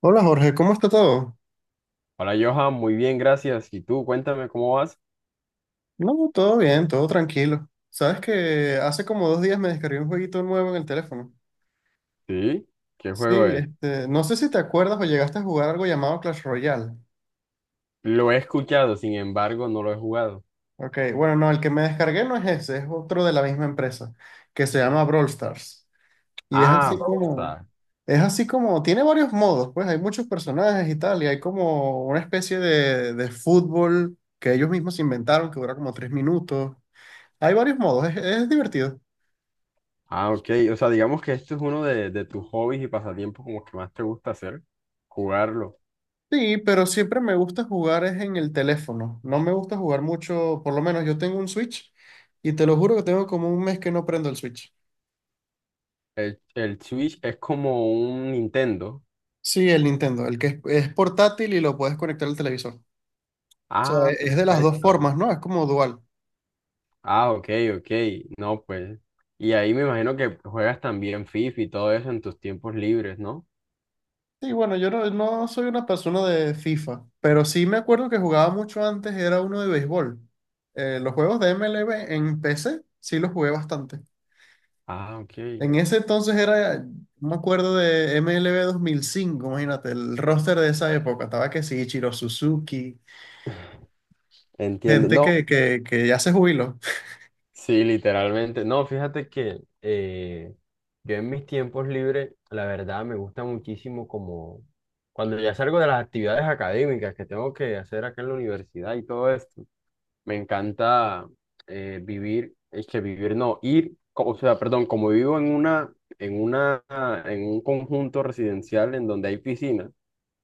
Hola Jorge, ¿cómo está todo? Hola Johan, muy bien, gracias. ¿Y tú? Cuéntame cómo vas. No, todo bien, todo tranquilo. Sabes que hace como dos días me descargué un jueguito nuevo en el teléfono. Sí, ¿qué Sí, juego es? No sé si te acuerdas o llegaste a jugar algo llamado Clash Royale. Lo he escuchado, sin embargo, no lo he jugado. Ok, bueno, no, el que me descargué no es ese, es otro de la misma empresa, que se llama Brawl Stars. Y es Ah, así como, gusta. es así como, tiene varios modos, pues hay muchos personajes y tal, y hay como una especie de fútbol que ellos mismos inventaron, que dura como tres minutos. Hay varios modos, es divertido. Ah, ok. O sea, digamos que esto es uno de tus hobbies y pasatiempos como que más te gusta hacer, jugarlo. Sí, pero siempre me gusta jugar es en el teléfono. No me gusta jugar mucho, por lo menos yo tengo un Switch y te lo juro que tengo como un mes que no prendo el Switch. El Switch es como un Nintendo. Sí, el Nintendo, el que es portátil y lo puedes conectar al televisor. O sea, Ah, es de las dos perfecto. formas, ¿no? Es como dual. Ah, ok, ok. No, pues. Y ahí me imagino que juegas también FIFA y todo eso en tus tiempos libres, ¿no? Sí, bueno, yo no, no soy una persona de FIFA, pero sí me acuerdo que jugaba mucho antes, era uno de béisbol. Los juegos de MLB en PC sí los jugué bastante. Ah, ok. En ese entonces era, No me acuerdo de MLB 5. Imagínate, el roster de esa época, estaba que sí, Ichiro Suzuki, Entiendo. gente No. Que ya se jubiló. Sí, literalmente. No, fíjate que yo en mis tiempos libres, la verdad, me gusta muchísimo como cuando ya salgo de las actividades académicas que tengo que hacer acá en la universidad y todo esto, me encanta vivir, es que vivir, no, ir, o sea, perdón, como vivo en una, en una, en un conjunto residencial en donde hay piscina,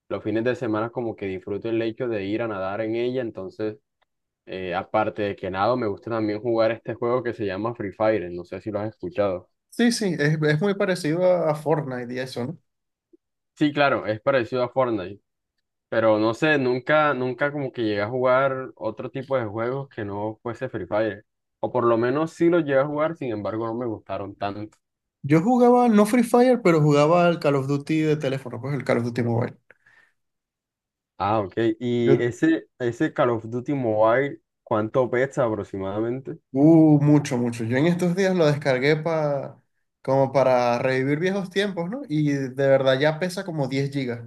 los fines de semana como que disfruto el hecho de ir a nadar en ella, entonces aparte de que nado, me gusta también jugar este juego que se llama Free Fire. ¿No sé si lo has escuchado? Sí, sí, es muy parecido a Fortnite y eso, ¿no? Sí, claro, es parecido a Fortnite, pero no sé, nunca como que llegué a jugar otro tipo de juegos que no fuese Free Fire. O por lo menos sí lo llegué a jugar, sin embargo no me gustaron tanto. Yo jugaba, no Free Fire, pero jugaba al Call of Duty de teléfono, pues el Call of Duty Mobile. Ah, ok. ¿Y Yo, ese Call of Duty Mobile, cuánto pesa aproximadamente? Mucho, mucho. Yo en estos días lo descargué como para revivir viejos tiempos, ¿no? Y de verdad ya pesa como 10 gigas.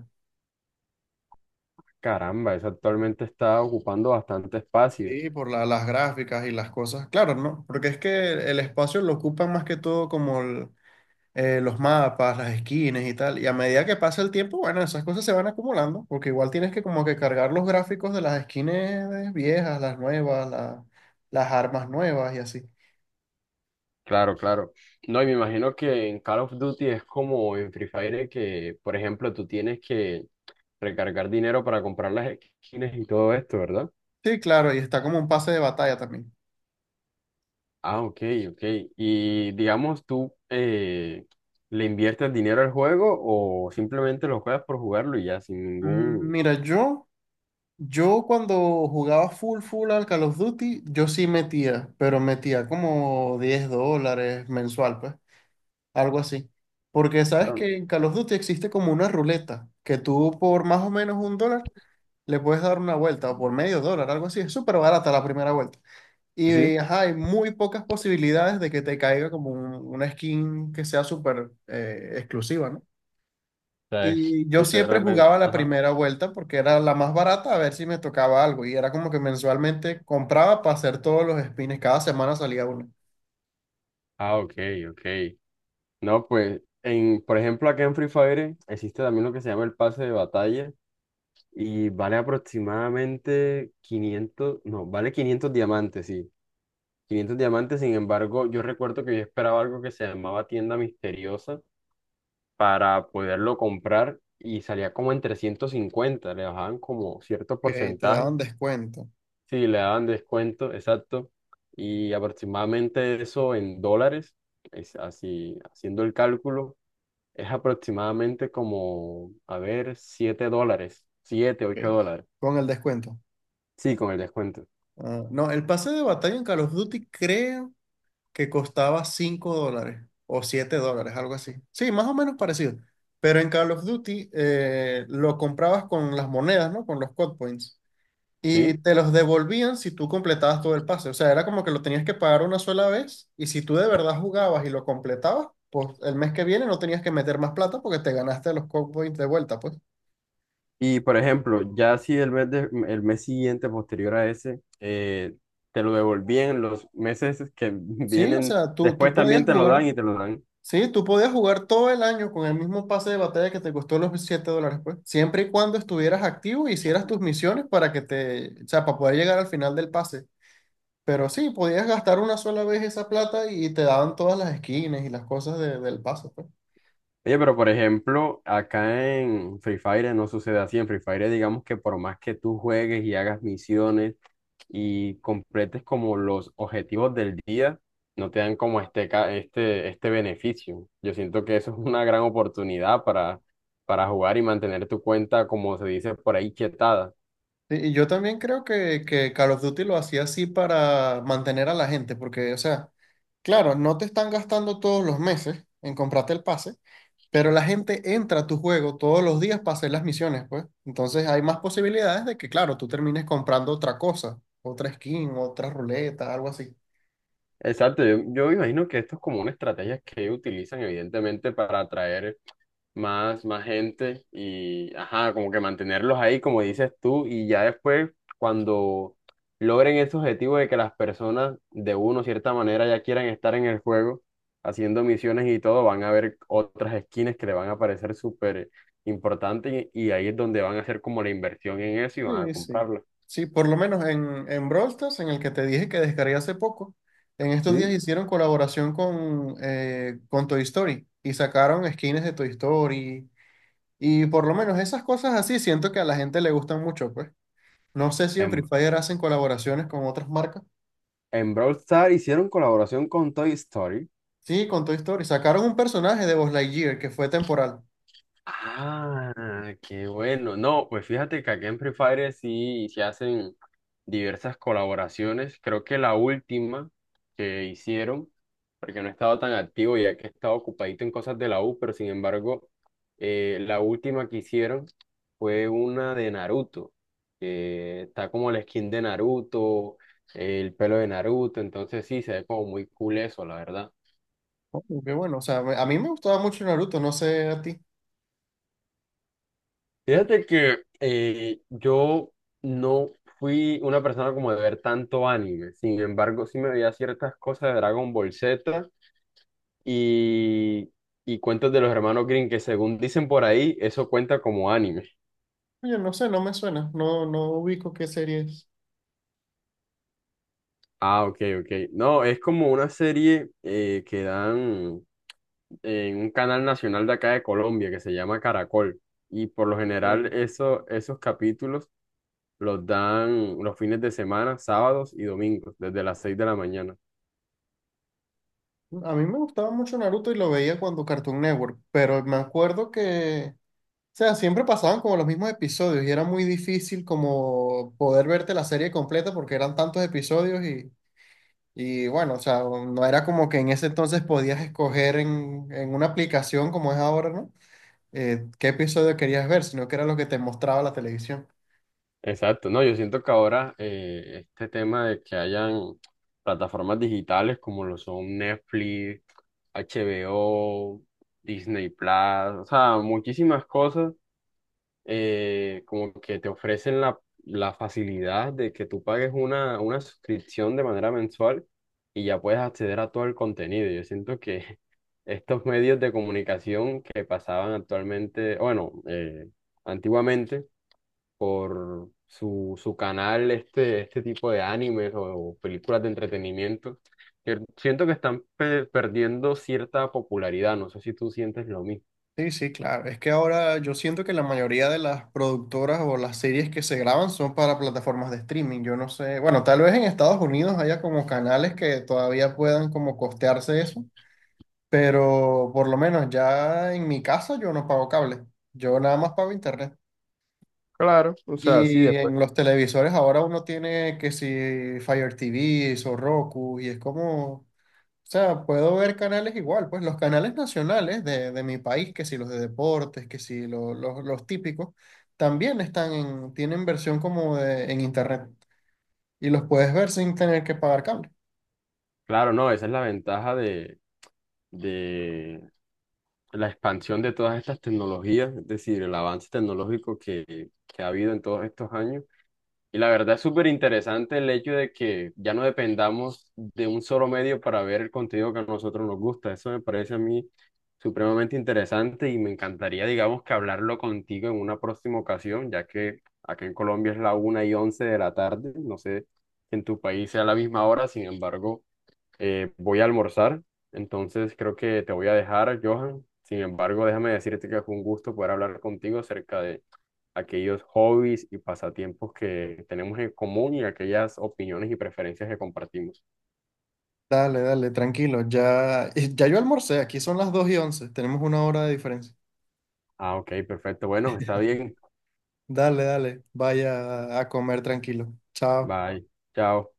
Caramba, eso actualmente está ocupando bastante espacio. Sí, las gráficas y las cosas. Claro, ¿no? Porque es que el espacio lo ocupan más que todo como los mapas, las esquinas y tal. Y a medida que pasa el tiempo, bueno, esas cosas se van acumulando, porque igual tienes que como que cargar los gráficos de las esquinas viejas, las nuevas, las armas nuevas y así. Claro, claro. No, y me imagino que en Call of Duty es como en Free Fire que, por ejemplo, tú tienes que recargar dinero para comprar las skins y todo esto, ¿verdad? Sí, claro, y está como un pase de batalla también. Ah, ok, ok. Y digamos, ¿tú le inviertes dinero al juego o simplemente lo juegas por jugarlo y ya sin ningún... Mira, yo cuando jugaba full al Call of Duty, yo sí metía, pero metía como 10 dólares mensual, pues. Algo así. Porque sabes Pero, que en Call of Duty existe como una ruleta que tú por más o menos un dólar le puedes dar una vuelta o por medio dólar, algo así. Es súper barata la primera vuelta. Y sí. ajá, hay muy pocas posibilidades de que te caiga como una skin que sea súper exclusiva, ¿no? O sea, es Y yo siempre literalmente... jugaba la Ajá. primera vuelta porque era la más barata a ver si me tocaba algo. Y era como que mensualmente compraba para hacer todos los spins. Cada semana salía uno. Ah, ok, ok. No, pues, en, por ejemplo, acá en Free Fire existe también lo que se llama el pase de batalla. Y vale aproximadamente 500, no, vale 500 diamantes, sí. Quinientos diamantes, sin embargo, yo recuerdo que yo esperaba algo que se llamaba tienda misteriosa para poderlo comprar y salía como en 350, le bajaban como cierto Que te porcentaje, daban descuento. sí, le daban descuento, exacto. Y aproximadamente eso en dólares, es así, haciendo el cálculo, es aproximadamente como, a ver, 7 dólares, 7 8 Ok. dólares, Con el descuento. sí, con el descuento. Ah, no, el pase de batalla en Call of Duty creo que costaba 5 dólares o 7 dólares, algo así. Sí, más o menos parecido. Pero en Call of Duty lo comprabas con las monedas, ¿no? Con los code points. Y ¿Sí? te los devolvían si tú completabas todo el pase. O sea, era como que lo tenías que pagar una sola vez y si tú de verdad jugabas y lo completabas, pues el mes que viene no tenías que meter más plata porque te ganaste los code points de vuelta, pues. Y por ejemplo, ya si el mes, el mes siguiente, posterior a ese, te lo devolvían los meses que Sí, o vienen, sea, tú después podías también te lo jugar. dan y te lo dan. Sí, tú podías jugar todo el año con el mismo pase de batalla que te costó los 7 dólares, pues. Siempre y cuando estuvieras activo y hicieras tus misiones para que te, o sea, para poder llegar al final del pase. Pero sí, podías gastar una sola vez esa plata y te daban todas las skins y las cosas del pase, pues. Oye, pero por ejemplo, acá en Free Fire no sucede así. En Free Fire, digamos que por más que tú juegues y hagas misiones, y completes como los objetivos del día, no te dan como este beneficio. Yo siento que eso es una gran oportunidad para jugar y mantener tu cuenta, como se dice por ahí, quietada. Sí, y yo también creo que Call of Duty lo hacía así para mantener a la gente, porque, o sea, claro, no te están gastando todos los meses en comprarte el pase, pero la gente entra a tu juego todos los días para hacer las misiones, pues. Entonces hay más posibilidades de que, claro, tú termines comprando otra cosa, otra skin, otra ruleta, algo así. Exacto, yo me imagino que esto es como una estrategia que utilizan evidentemente para atraer más gente y, ajá, como que mantenerlos ahí, como dices tú, y ya después, cuando logren ese objetivo de que las personas de uno, cierta manera, ya quieran estar en el juego, haciendo misiones y todo, van a ver otras skins que le van a parecer súper importantes y ahí es donde van a hacer como la inversión en eso y van a Sí, sí. comprarla. Sí, por lo menos en Brawl Stars, en el que te dije que descargué hace poco, en estos días Sí. hicieron colaboración con Toy Story y sacaron skins de Toy Story. Y por lo menos esas cosas así siento que a la gente le gustan mucho, pues. No sé si en Free En, Fire hacen colaboraciones con otras marcas. en Brawl Stars hicieron colaboración con Toy Story. Sí, con Toy Story. Sacaron un personaje de Buzz Lightyear que fue temporal. Ah, qué bueno. No, pues fíjate que aquí en Free Fire sí se hacen diversas colaboraciones. Creo que la última que hicieron, porque no he estado tan activo ya que he estado ocupadito en cosas de la U, pero sin embargo, la última que hicieron fue una de Naruto. Que está como la skin de Naruto, el pelo de Naruto, entonces sí, se ve como muy cool eso, la verdad. Oh, qué bueno, o sea, a mí me gustaba mucho Naruto, no sé a ti. Fíjate que yo no fui una persona como de ver tanto anime, sin embargo sí me veía ciertas cosas de Dragon Ball Z y, y cuentos de los hermanos Green que según dicen por ahí, eso cuenta como anime. Oye, no sé, no me suena, no, no ubico qué serie es. Ah, ok, ok. No, es como una serie que dan en un canal nacional de acá de Colombia que se llama Caracol y por lo general Ok. eso, esos capítulos los dan los fines de semana, sábados y domingos, desde las 6 de la mañana. A mí me gustaba mucho Naruto y lo veía cuando Cartoon Network, pero me acuerdo que, o sea, siempre pasaban como los mismos episodios y era muy difícil como poder verte la serie completa porque eran tantos episodios y bueno, o sea, no era como que en ese entonces podías escoger en una aplicación como es ahora, ¿no? ¿Qué episodio querías ver?, sino que era lo que te mostraba la televisión. Exacto, no, yo siento que ahora este tema de que hayan plataformas digitales como lo son Netflix, HBO, Disney Plus, o sea, muchísimas cosas, como que te ofrecen la facilidad de que tú pagues una suscripción de manera mensual y ya puedes acceder a todo el contenido. Yo siento que estos medios de comunicación que pasaban actualmente, bueno, antiguamente, por su canal este tipo de animes o películas de entretenimiento, que siento que están perdiendo cierta popularidad, no sé si tú sientes lo mismo. Sí, sí, claro. Es que ahora yo siento que la mayoría de las productoras o las series que se graban son para plataformas de streaming. Yo no sé, bueno, tal vez en Estados Unidos haya como canales que todavía puedan como costearse eso, pero por lo menos ya en mi caso yo no pago cable, yo nada más pago internet. Claro, o sea, sí, Y después. en los televisores ahora uno tiene que si Fire TV o Roku y es como... O sea, puedo ver canales igual, pues los canales nacionales de mi país, que si los de deportes, que si los típicos, también están en, tienen versión como de, en internet y los puedes ver sin tener que pagar cable. Claro, no, esa es la ventaja de la expansión de todas estas tecnologías, es decir, el avance tecnológico que ha habido en todos estos años. Y la verdad es súper interesante el hecho de que ya no dependamos de un solo medio para ver el contenido que a nosotros nos gusta. Eso me parece a mí supremamente interesante y me encantaría, digamos, que hablarlo contigo en una próxima ocasión, ya que acá en Colombia es la 1:11 de la tarde. No sé si en tu país sea la misma hora, sin embargo, voy a almorzar. Entonces creo que te voy a dejar, Johan. Sin embargo, déjame decirte que fue un gusto poder hablar contigo acerca de aquellos hobbies y pasatiempos que tenemos en común y aquellas opiniones y preferencias que compartimos. Dale, dale, tranquilo, ya, y ya yo almorcé, aquí son las 2:11, tenemos una hora de diferencia. Ah, ok, perfecto. Bueno, está bien. Dale, dale, vaya a comer tranquilo. Chao. Bye. Chao.